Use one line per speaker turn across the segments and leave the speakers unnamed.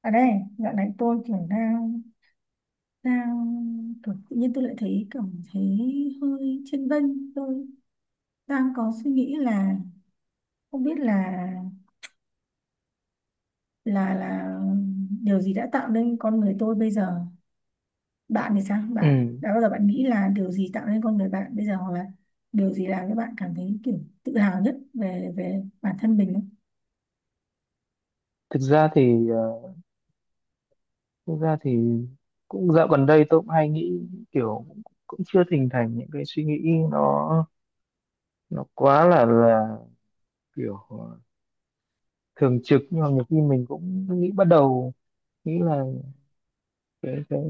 Ở đây dạo này tôi kiểu đang đang kiểu tự nhiên tôi lại cảm thấy hơi chênh vênh. Tôi đang có suy nghĩ là không biết là là điều gì đã tạo nên con người tôi bây giờ. Bạn thì sao, bạn
Ừ.
đã bao giờ bạn nghĩ là điều gì tạo nên con người bạn bây giờ, hoặc là điều gì làm cho bạn cảm thấy kiểu tự hào nhất về về bản thân mình không?
thực ra thì ờ, Thực ra thì cũng dạo gần đây tôi cũng hay nghĩ, kiểu, cũng cũng chưa hình thành những cái suy nghĩ, nó nó quá là kiểu, thường trực. Nhưng mà nhiều khi mình cũng nghĩ, bắt đầu nghĩ là cái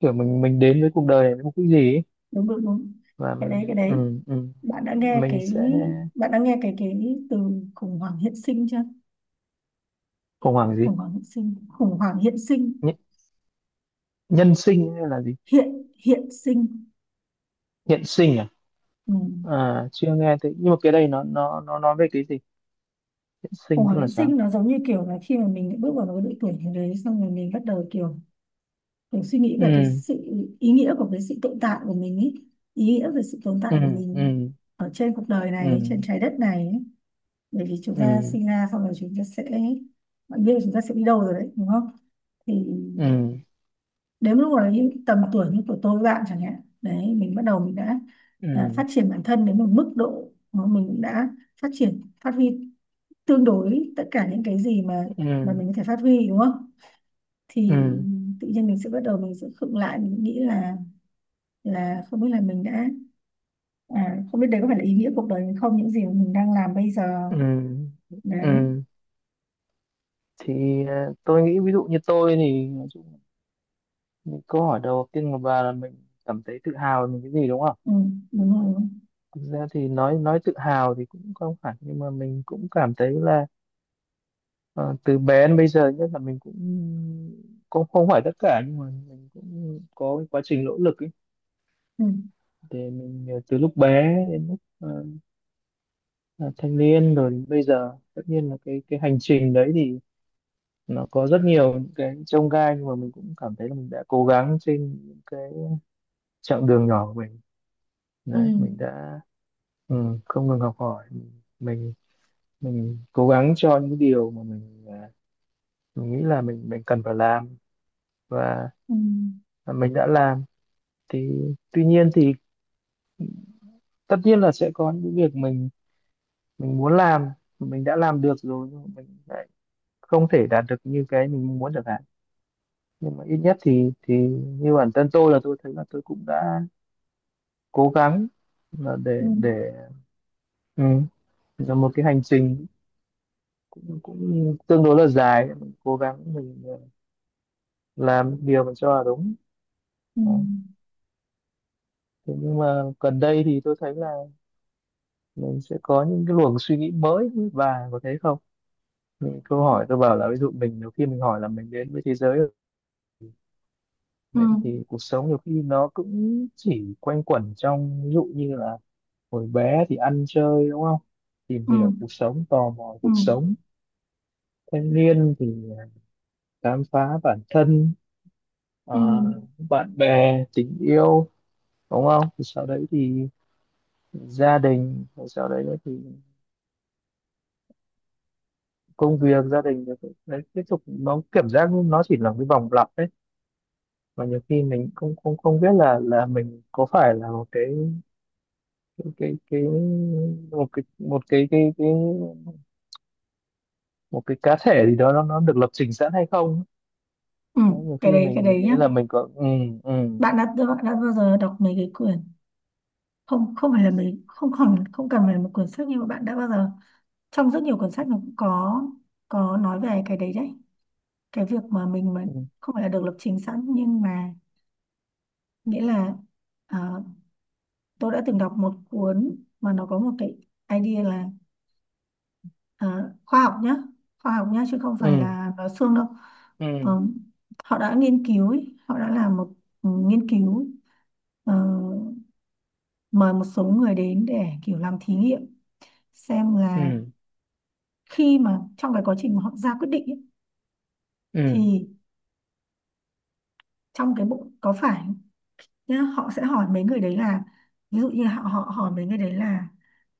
kiểu mình đến với cuộc đời này với mục đích gì ấy.
Đúng đúng đúng.
Và
Cái đấy, cái
mình
đấy.
ừ, ừ,
bạn đã nghe
mình
cái
sẽ
Bạn đã nghe cái từ khủng hoảng hiện sinh chưa.
khủng hoảng gì?
Khủng hoảng hiện sinh, khủng hoảng hiện sinh.
Nh- Nhân sinh hay là gì?
Hiện Hiện sinh.
Hiện sinh à?
Ừ.
À, chưa nghe thấy, nhưng mà cái đây nó nói về cái gì? Hiện
Khủng
sinh tức
hoảng
là
hiện
sao?
sinh nó giống như kiểu là khi mà mình bước vào một cái độ tuổi như đấy, xong rồi mình bắt đầu kiểu kiểu suy nghĩ về cái
Ừ.
sự ý nghĩa của cái sự tồn tại của mình ý, ý nghĩa về sự tồn tại
Ừ.
của
Ừ.
mình ở trên cuộc đời
Ừ.
này, trên trái đất này ấy. Bởi vì chúng ta
Ừ.
sinh ra xong rồi chúng ta sẽ, bạn biết là chúng ta sẽ đi đâu rồi đấy đúng không. Thì
Ừ.
đến lúc đấy, tầm tuổi như của tôi với bạn chẳng hạn đấy, mình bắt đầu mình đã phát
Ừ.
triển bản thân đến một mức độ mà mình cũng đã phát huy tương đối tất cả những cái gì mà
Ừ.
mình có thể phát huy, đúng không. Thì
Ừ.
tự nhiên mình sẽ bắt đầu mình sẽ khựng lại, mình nghĩ là không biết là mình đã không biết đấy có phải là ý nghĩa cuộc đời mình không, những gì mà mình đang làm bây giờ.
Ừ.
Đấy.
Ừ. thì tôi nghĩ, ví dụ như tôi thì nói chung là câu hỏi đầu tiên của bà là mình cảm thấy tự hào về mình cái gì, đúng không?
Ừ, đúng rồi.
Thực ra thì nói tự hào thì cũng không hẳn, nhưng mà mình cũng cảm thấy là, ờ, từ bé đến bây giờ nhất là, mình cũng cũng không phải tất cả, nhưng mà mình cũng có cái quá trình nỗ lực ấy,
Ừ,
để mình, từ lúc bé đến lúc, là thanh niên, rồi bây giờ. Tất nhiên là cái hành trình đấy thì nó có rất nhiều những cái chông gai, nhưng mà mình cũng cảm thấy là mình đã cố gắng trên những cái chặng đường nhỏ của mình.
ừ,
Đấy, mình đã ừ, không ngừng học hỏi. Mình mình mình cố gắng cho những điều mà mình nghĩ là mình cần phải làm, và
ừ,
mình đã làm. Thì tuy nhiên thì, tất nhiên là sẽ có những việc mình muốn làm, mình đã làm được rồi, nhưng mà mình lại không thể đạt được như cái mình muốn được. Nhưng mà ít nhất thì như bản thân tôi, là tôi thấy là tôi cũng đã cố gắng, là
ừ,
để ừ, là một cái hành trình cũng tương đối là dài, mình cố gắng, mình làm điều mình cho là đúng.
ừ,
Đó. Thế nhưng mà gần đây thì tôi thấy là mình sẽ có những cái luồng suy nghĩ mới. Và có thấy không, những câu hỏi tôi bảo là, ví dụ mình nhiều khi mình hỏi là mình đến với thế giới rồi,
ừ,
đấy, thì cuộc sống nhiều khi nó cũng chỉ quanh quẩn trong, ví dụ như là hồi bé thì ăn chơi, đúng không, tìm
ừ, ừ,
hiểu cuộc sống, tò mò
ừ.
cuộc
Ừ,
sống; thanh niên thì, à, khám phá bản thân,
ừ.
ờ, bạn bè, tình yêu, đúng không; thì sau đấy thì gia đình, rồi sau đấy nữa thì công việc, gia đình, rồi, đấy, tiếp tục. Nó cảm giác nó chỉ là một cái vòng lặp đấy. Và nhiều khi mình không không không biết là mình có phải là một cái một cái một cái một cái cá thể gì đó, nó được lập trình sẵn hay không.
Ừ,
Đấy, nhiều
cái
khi
đấy, cái
mình
đấy
nghĩ
nhá.
là mình có ừ ừ.
Bạn đã bao giờ đọc mấy cái quyển, không không phải là mấy, không còn không cần phải là một quyển sách, nhưng mà bạn đã bao giờ, trong rất nhiều quyển sách nó cũng có nói về cái đấy đấy, cái việc mà mình không phải là được lập trình sẵn nhưng mà, nghĩa là, ờ, tôi đã từng đọc một cuốn mà nó có một cái idea là, ờ, khoa học nhá, khoa học nhá chứ không phải
Ừ.
là nói suông đâu.
Ừ.
Ờ, Họ đã nghiên cứu ý, họ đã làm một, nghiên cứu, ờ, mời một số người đến để kiểu làm thí nghiệm xem là
Ừ.
khi mà trong cái quá trình mà họ ra quyết định ấy,
Ừ.
thì trong cái bụng có phải, nhá, họ sẽ hỏi mấy người đấy là, ví dụ như họ họ hỏi mấy người đấy là,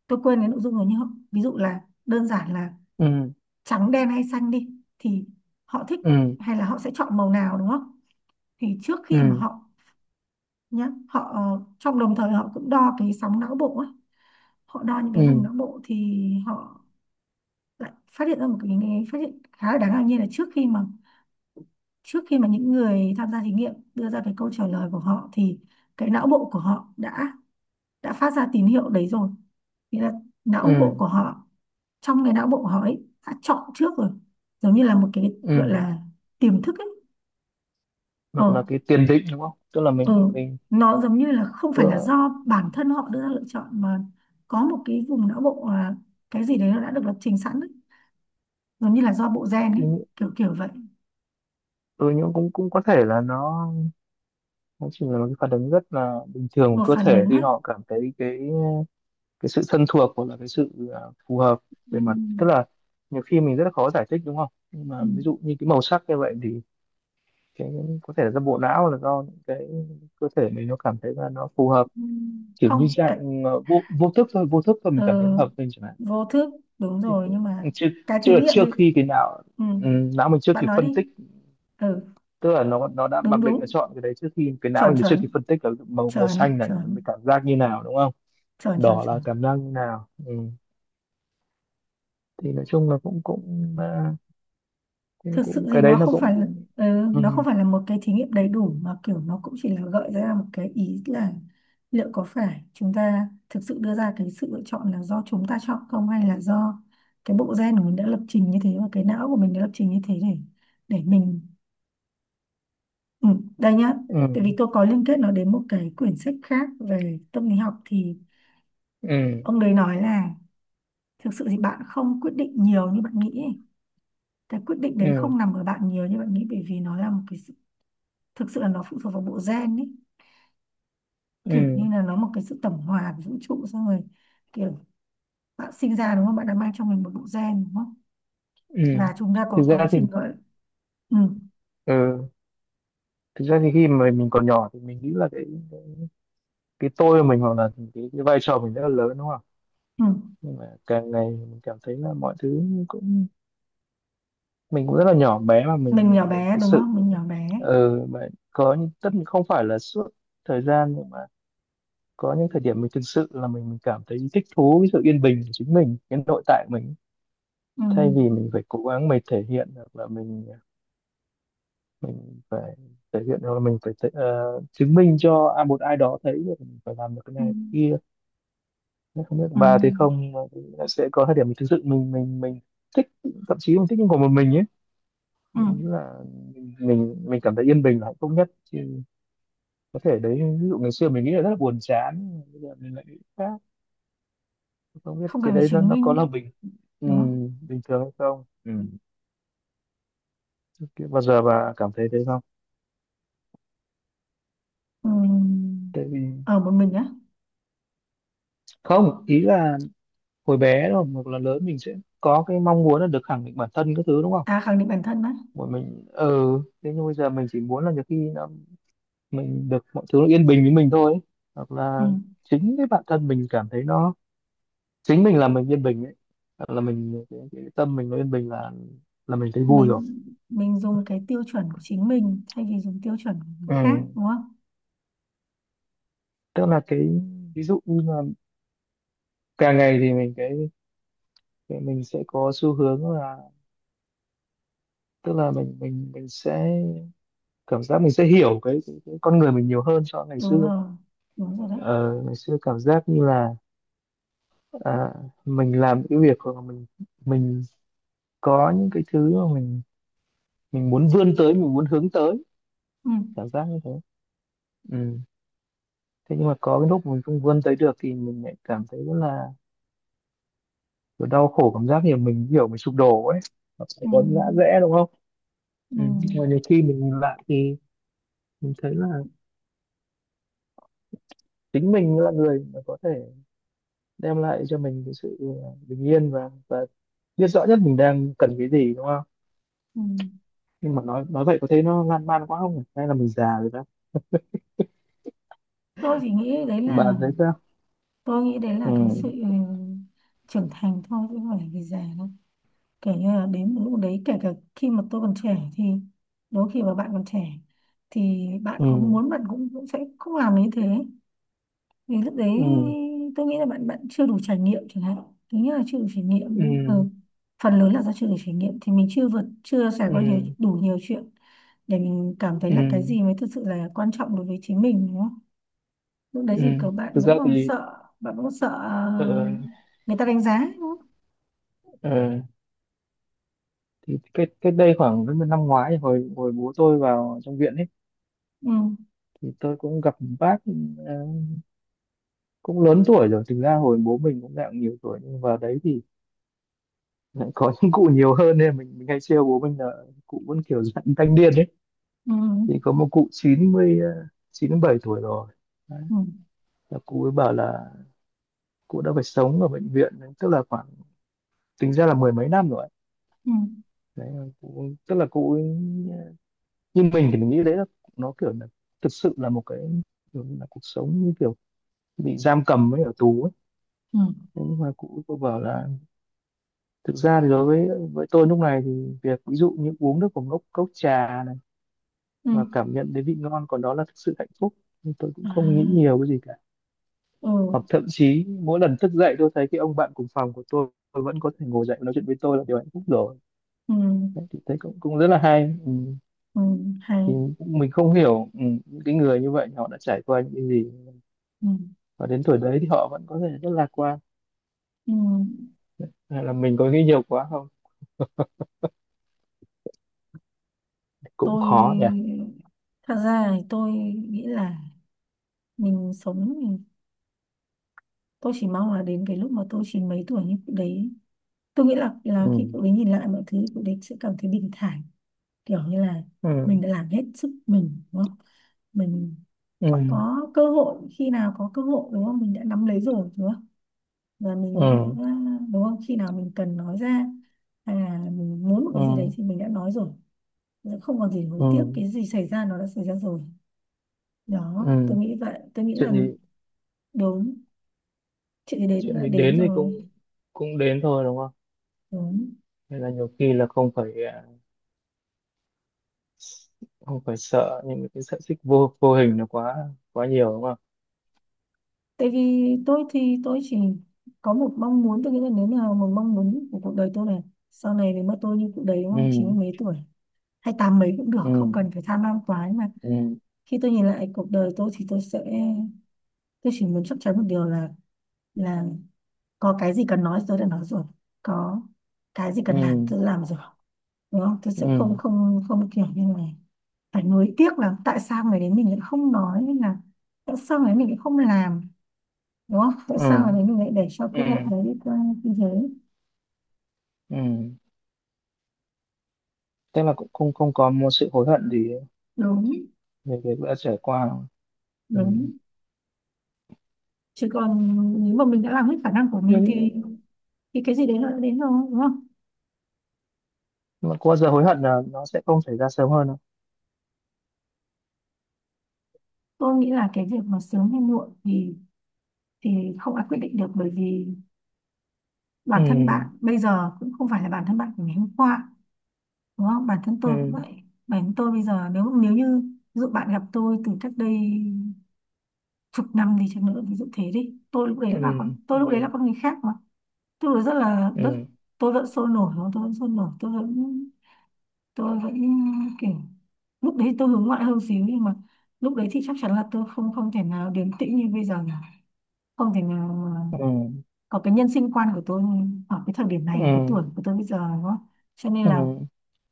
tôi quên cái nội dung rồi nhưng họ, ví dụ là, đơn giản là
Ừ.
trắng đen hay xanh đi, thì họ thích
Ừ.
hay là họ sẽ chọn màu nào, đúng không. Thì trước khi mà
Ừ.
họ, nhá, trong đồng thời họ cũng đo cái sóng não bộ ấy, họ đo những
Ừ.
cái vùng
Ừ.
não bộ thì họ lại phát hiện ra một cái phát hiện khá là đáng ngạc nhiên là, trước khi mà những người tham gia thí nghiệm đưa ra cái câu trả lời của họ thì cái não bộ của họ đã phát ra tín hiệu đấy rồi. Nghĩa là não bộ
Ừ.
của họ, trong cái não bộ của họ ấy đã chọn trước rồi, giống như là một cái gọi
Ừ.
là tiềm thức ấy. ờ
Hoặc là cái tiền định, đúng không? Tức là
ờ
mình
nó giống như là không
tức
phải là
là
do bản thân họ đưa ra lựa chọn, mà có một cái vùng não bộ là, cái gì đấy nó đã được lập trình sẵn ấy, giống như là do bộ gen ấy,
cái,
kiểu kiểu vậy.
ừ, nhưng cũng cũng có thể là nó chỉ là một cái phản ứng rất là bình thường
Một
của cơ
phản
thể,
ứng
khi
á.
họ cảm thấy cái sự thân thuộc, hoặc là cái sự, phù hợp
Ừ,
về mặt, tức là, nhiều khi mình rất là khó giải thích, đúng không, nhưng
ừ,
mà ví dụ như cái màu sắc như vậy thì cái, có thể là do bộ não, là do những cái cơ thể mình nó cảm thấy là nó phù hợp,
ừ.
kiểu như
Không cái,
dạng, vô vô thức thôi, vô thức thôi, mình
ờ,
cảm thấy nó hợp mình chẳng hạn.
vô thức đúng
Chứ
rồi nhưng mà,
chưa
cái thí
chưa
nghiệm
trước
đi.
khi cái não,
Ừ,
não mình chưa
bạn
kịp
nói
phân
đi.
tích,
Ừ,
tức là nó đã
đúng
mặc định nó
đúng,
chọn cái đấy trước khi cái não
chuẩn
mình chưa
chuẩn,
kịp phân tích là màu màu xanh
chuẩn
này mình
chuẩn,
cảm giác như nào, đúng không,
chuẩn chuẩn
đỏ là
chuẩn.
cảm giác như nào. Ừ. Thì nói chung là cũng cũng ờ, cũng
Thực sự
cũng
thì
cái đấy
nó
nó
không
cũng
phải là-
cũng
ừ,
Ừ.
Nó không phải là một cái thí nghiệm đầy đủ mà kiểu nó cũng chỉ là gợi ra một cái ý là, liệu có phải chúng ta thực sự đưa ra cái sự lựa chọn là do chúng ta chọn không, hay là do cái bộ gen của mình đã lập trình như thế và cái não của mình đã lập trình như thế để mình. Ừ, đây nhá, tại
Ừ.
vì tôi có liên kết nó đến một cái quyển sách khác về tâm lý học. Thì
Ừ.
ông đấy nói là, thực sự thì bạn không quyết định nhiều như bạn nghĩ ấy. Cái quyết định đấy
Ừ.
không nằm ở bạn nhiều như bạn nghĩ, bởi vì nó là một cái sự, thực sự là nó phụ thuộc vào bộ gen ấy. Kiểu như
Ừ.
là nó một cái sự tổng hòa của vũ trụ, xong rồi kiểu, bạn sinh ra đúng không? Bạn đã mang trong mình một bộ gen, đúng không?
Ừ.
Và chúng ta
thực
có quá
ra thì
trình gọi, ừ,
ừ Thực ra thì khi mà mình còn nhỏ thì mình nghĩ là cái, cái tôi của mình, hoặc là cái vai trò mình rất là lớn, đúng không.
ừ.
Nhưng mà càng ngày mình cảm thấy là mọi thứ cũng, mình cũng rất là nhỏ bé, mà mình
Mình nhỏ
mình, mình
bé
thực
đúng
sự,
không? Mình nhỏ bé.
mà có những, tất nhiên không phải là suốt thời gian, nhưng mà có những thời điểm mình thực sự là mình cảm thấy thích thú với sự yên bình của chính mình, cái nội tại của mình,
Ừ,
thay vì mình phải cố gắng mình thể hiện, hoặc là mình phải thể hiện, hoặc là mình phải chứng minh cho một ai đó thấy được mình phải làm được cái
ừ,
này cái kia. Nếu không biết của
ừ,
bà thì không, mà sẽ có thời điểm mình thực sự mình thích, thậm chí mình thích những của một mình ấy.
ừ.
Mình nghĩ là mình cảm thấy yên bình là hạnh phúc nhất, chứ có thể đấy, ví dụ ngày xưa mình nghĩ là rất là buồn chán, bây giờ mình lại nghĩ khác, không biết
Không cần
cái
phải
đấy nó
chứng
nó có là
minh,
ừ,
đúng không.
bình thường hay không. Ừ. Thế bao giờ bà cảm thấy thế không?
Ừm,
Tại vì,
ở một mình á.
không, ý là hồi bé rồi hoặc là lớn mình sẽ có cái mong muốn là được khẳng định bản thân các thứ, đúng không,
À, khẳng định bản thân á.
của mình. Ừ. Thế nhưng bây giờ mình chỉ muốn là, nhiều khi nó, mình được mọi thứ nó yên bình với mình thôi ấy, hoặc là
Ừm,
chính cái bản thân mình cảm thấy nó, chính mình là mình yên bình ấy, hoặc là mình cái tâm mình nó yên bình là mình thấy vui rồi.
mình mình dùng cái tiêu chuẩn của chính mình thay vì dùng tiêu chuẩn của người
Ừ.
khác, đúng không.
Tức là cái, ví dụ như là càng ngày thì mình cái mình sẽ có xu hướng là, tức là mình sẽ cảm giác mình sẽ hiểu cái con người mình nhiều hơn so với ngày
Đúng
xưa.
rồi, đúng rồi đấy.
Ờ, Ngày xưa cảm giác như là, à, mình làm những cái việc, hoặc là mình có những cái thứ mà mình muốn vươn tới, mình muốn hướng tới,
Ừm,
cảm giác như thế. Ừ. Thế nhưng mà có cái lúc mình không vươn tới được thì mình lại cảm thấy rất là kiểu đau khổ, cảm giác như mình hiểu mình sụp đổ ấy. Nó sẽ có ngã
ừm,
rẽ, đúng không. Ừ.
ừm,
Nhưng mà nhiều khi mình nhìn lại thì mình thấy là chính mình là người mà có thể đem lại cho mình cái sự, bình yên, và biết rõ nhất mình đang cần cái gì, đúng không.
ừm.
Nhưng mà nói vậy có thấy nó lan man quá không nhỉ? Hay là mình già rồi đó.
tôi chỉ nghĩ đấy là
Bạn thấy sao?
tôi nghĩ đấy
Ừ.
là cái sự trưởng thành thôi, chứ không phải là vì già đâu. Kể như là đến một lúc đấy, kể cả khi mà tôi còn trẻ thì, đôi khi mà bạn còn trẻ thì bạn
Ừ.
có muốn bạn cũng cũng sẽ không làm như thế. Vì lúc đấy
Ừ.
tôi nghĩ là bạn bạn chưa đủ trải nghiệm chẳng hạn, thứ nhất là chưa đủ trải nghiệm ấy.
Ừ.
Ừ. Phần lớn là do chưa đủ trải nghiệm, thì mình chưa trải
Ừ.
qua nhiều đủ nhiều chuyện để mình cảm thấy
Ừ.
là cái gì mới thực sự là quan trọng đối với chính mình, đúng không. Lúc đấy
Ừ.
thì các bạn
Thực ra
vẫn còn
thì,
sợ, bạn vẫn còn sợ
ờ,
người ta đánh giá, đúng không.
ờ, thì cách cách đây khoảng đến năm ngoái, hồi hồi bố tôi vào trong viện ấy,
Ừ,
thì tôi cũng gặp một bác, ờ, cũng lớn tuổi rồi. Thực ra hồi bố mình cũng dạng nhiều tuổi, nhưng vào đấy thì lại có những cụ nhiều hơn, nên mình hay trêu bố mình là cụ vẫn kiểu dạng thanh niên ấy.
ừ,
Thì có một cụ 97 tuổi rồi, đấy.
ừ,
Là cụ ấy bảo là cụ đã phải sống ở bệnh viện, tức là khoảng, tính ra là mười mấy năm rồi ấy.
ừ,
Đấy cụ, tức là cụ ấy, như mình thì mình nghĩ đấy là nó kiểu là thực sự là một cái kiểu là cuộc sống như kiểu bị giam cầm ấy, ở tù ấy.
ừ,
Thế nhưng mà cụ cô bảo là thực ra thì đối với tôi lúc này thì việc, ví dụ như uống được một cốc trà này
ừ,
và cảm nhận đến vị ngon còn đó là thực sự hạnh phúc, nhưng tôi cũng không nghĩ
à,
nhiều cái gì cả.
ừ,
Hoặc thậm chí mỗi lần thức dậy tôi thấy cái ông bạn cùng phòng của tôi vẫn có thể ngồi dậy và nói chuyện với tôi, là điều hạnh phúc rồi.
ừ,
Đấy, thì thấy cũng cũng rất là hay. Ừ.
ừ,
Thì
hay,
mình không hiểu, những cái người như vậy họ đã trải qua những cái gì,
ừ,
và đến tuổi đấy thì họ vẫn có thể rất lạc quan,
ừ.
hay là mình có nghĩ nhiều quá không? Cũng
tôi
khó nhỉ.
Thật ra thì tôi nghĩ là, mình sống thì tôi chỉ mong là đến cái lúc mà tôi chỉ mấy tuổi như cụ đấy, tôi nghĩ là khi
Ừ.
cụ đấy nhìn lại mọi thứ, cụ đấy sẽ cảm thấy bình thản. Kiểu như là mình
Ừ.
đã làm hết sức mình, đúng không. Mình
Ừ.
có cơ hội, khi nào có cơ hội đúng không, mình đã nắm lấy rồi, đúng không. Và mình đã,
Ừ.
đúng không, khi nào mình cần nói ra hay là mình muốn một
Ừ.
cái gì đấy thì mình đã nói rồi, không còn gì hối tiếc,
Ừ.
cái gì xảy ra nó đã xảy ra rồi. Đó, tôi
Ừ.
nghĩ vậy, tôi nghĩ là,
Chuyện gì?
đúng, chị thì đến
Chuyện
đã
gì
đến
đến thì
rồi.
cũng cũng đến thôi, đúng không?
Đúng.
Nên là nhiều khi là không phải sợ những cái sợi xích vô vô hình nó quá quá nhiều, đúng không.
Tại vì tôi thì tôi chỉ có một mong muốn, tôi nghĩ là nếu là một mong muốn của cuộc đời tôi này, sau này nếu mà tôi như cụ đấy đúng
Ừ.
không, chín mươi mấy tuổi hay tám mấy cũng được,
Ừ.
không cần phải tham lam quá, nhưng mà
Ừ.
khi tôi nhìn lại cuộc đời tôi thì tôi sẽ, tôi chỉ muốn chắc chắn một điều là là có cái gì cần nói tôi đã nói rồi, có cái gì cần làm
Ừ.
tôi đã làm rồi, đúng không? Tôi sẽ không,
Ừ.
không không, kiểu như này, phải nuối tiếc là tại sao người đến mình lại không nói, hay là tại sao người đến mình lại không làm, đúng không? Tại sao
Ừ.
người đến mình lại để cho cái lợi
Ừ.
đấy đi qua như thế.
Ừ. Tức là cũng không không có một sự hối hận gì
Đúng,
về cái đã trải qua, đúng không? Ừ.
đúng. Chứ còn, nếu mà mình đã làm hết khả năng của mình
Nhưng
thì cái gì đấy nó đã đến rồi, đúng không?
mà có bao giờ hối hận là nó sẽ không xảy ra sớm hơn đâu.
Tôi nghĩ là cái việc mà sớm hay muộn thì thì không ai quyết định được, bởi vì
Ừ.
bản thân bạn bây giờ cũng không phải là bản thân bạn của ngày hôm qua đúng không, bản thân
Ừ.
tôi cũng vậy. Bản thân tôi bây giờ, nếu nếu như ví dụ bạn gặp tôi từ cách đây chục năm đi chăng nữa, ví dụ thế đi, tôi lúc
Ừ.
đấy là con, tôi lúc đấy là
Ừ.
con người khác mà. Tôi rất là rất,
Ừ.
tôi vẫn sôi nổi đúng không? Tôi vẫn sôi nổi, tôi vẫn, tôi vẫn kiểu, lúc đấy tôi hướng ngoại hơn xíu, nhưng mà lúc đấy thì chắc chắn là tôi không không thể nào điềm tĩnh như bây giờ, không thể nào mà
Ừ.
có cái nhân sinh quan của tôi ở cái thời điểm này, ở cái
Ừ.
tuổi của tôi bây giờ, đúng không. Cho nên
Ừ.
là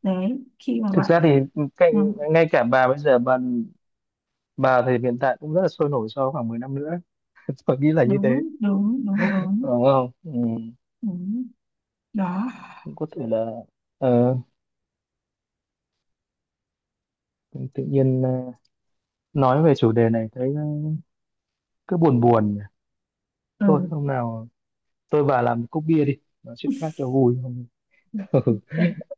đấy, khi mà
Thực
bạn,
ra thì cái,
ừ.
ngay cả bà bây giờ bà thì hiện tại cũng rất là sôi nổi, sau khoảng 10 năm nữa tôi nghĩ là như thế,
Đúng đúng, đúng đúng,
đúng không. Ừ.
đúng. Đó.
Cũng có thể là, ờ, tự nhiên, nói về chủ đề này thấy, cứ buồn buồn nhỉ.
Ừ.
Thôi hôm nào tôi và làm một cốc bia đi, nói chuyện khác cho vui không?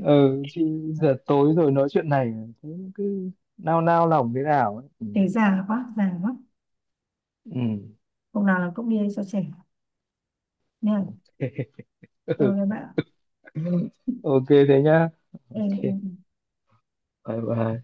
Ừ, chứ giờ tối rồi nói chuyện này thế cứ nao nao lòng thế nào ấy. Ừ.
Thế già quá, già quá.
Ừ.
Hôm nào là cũng đi cho trẻ nha. Ừ các bạn.
Ừ. OK thế nhá.
Ừ. Ừ.
OK,
Ừ.
bye bye.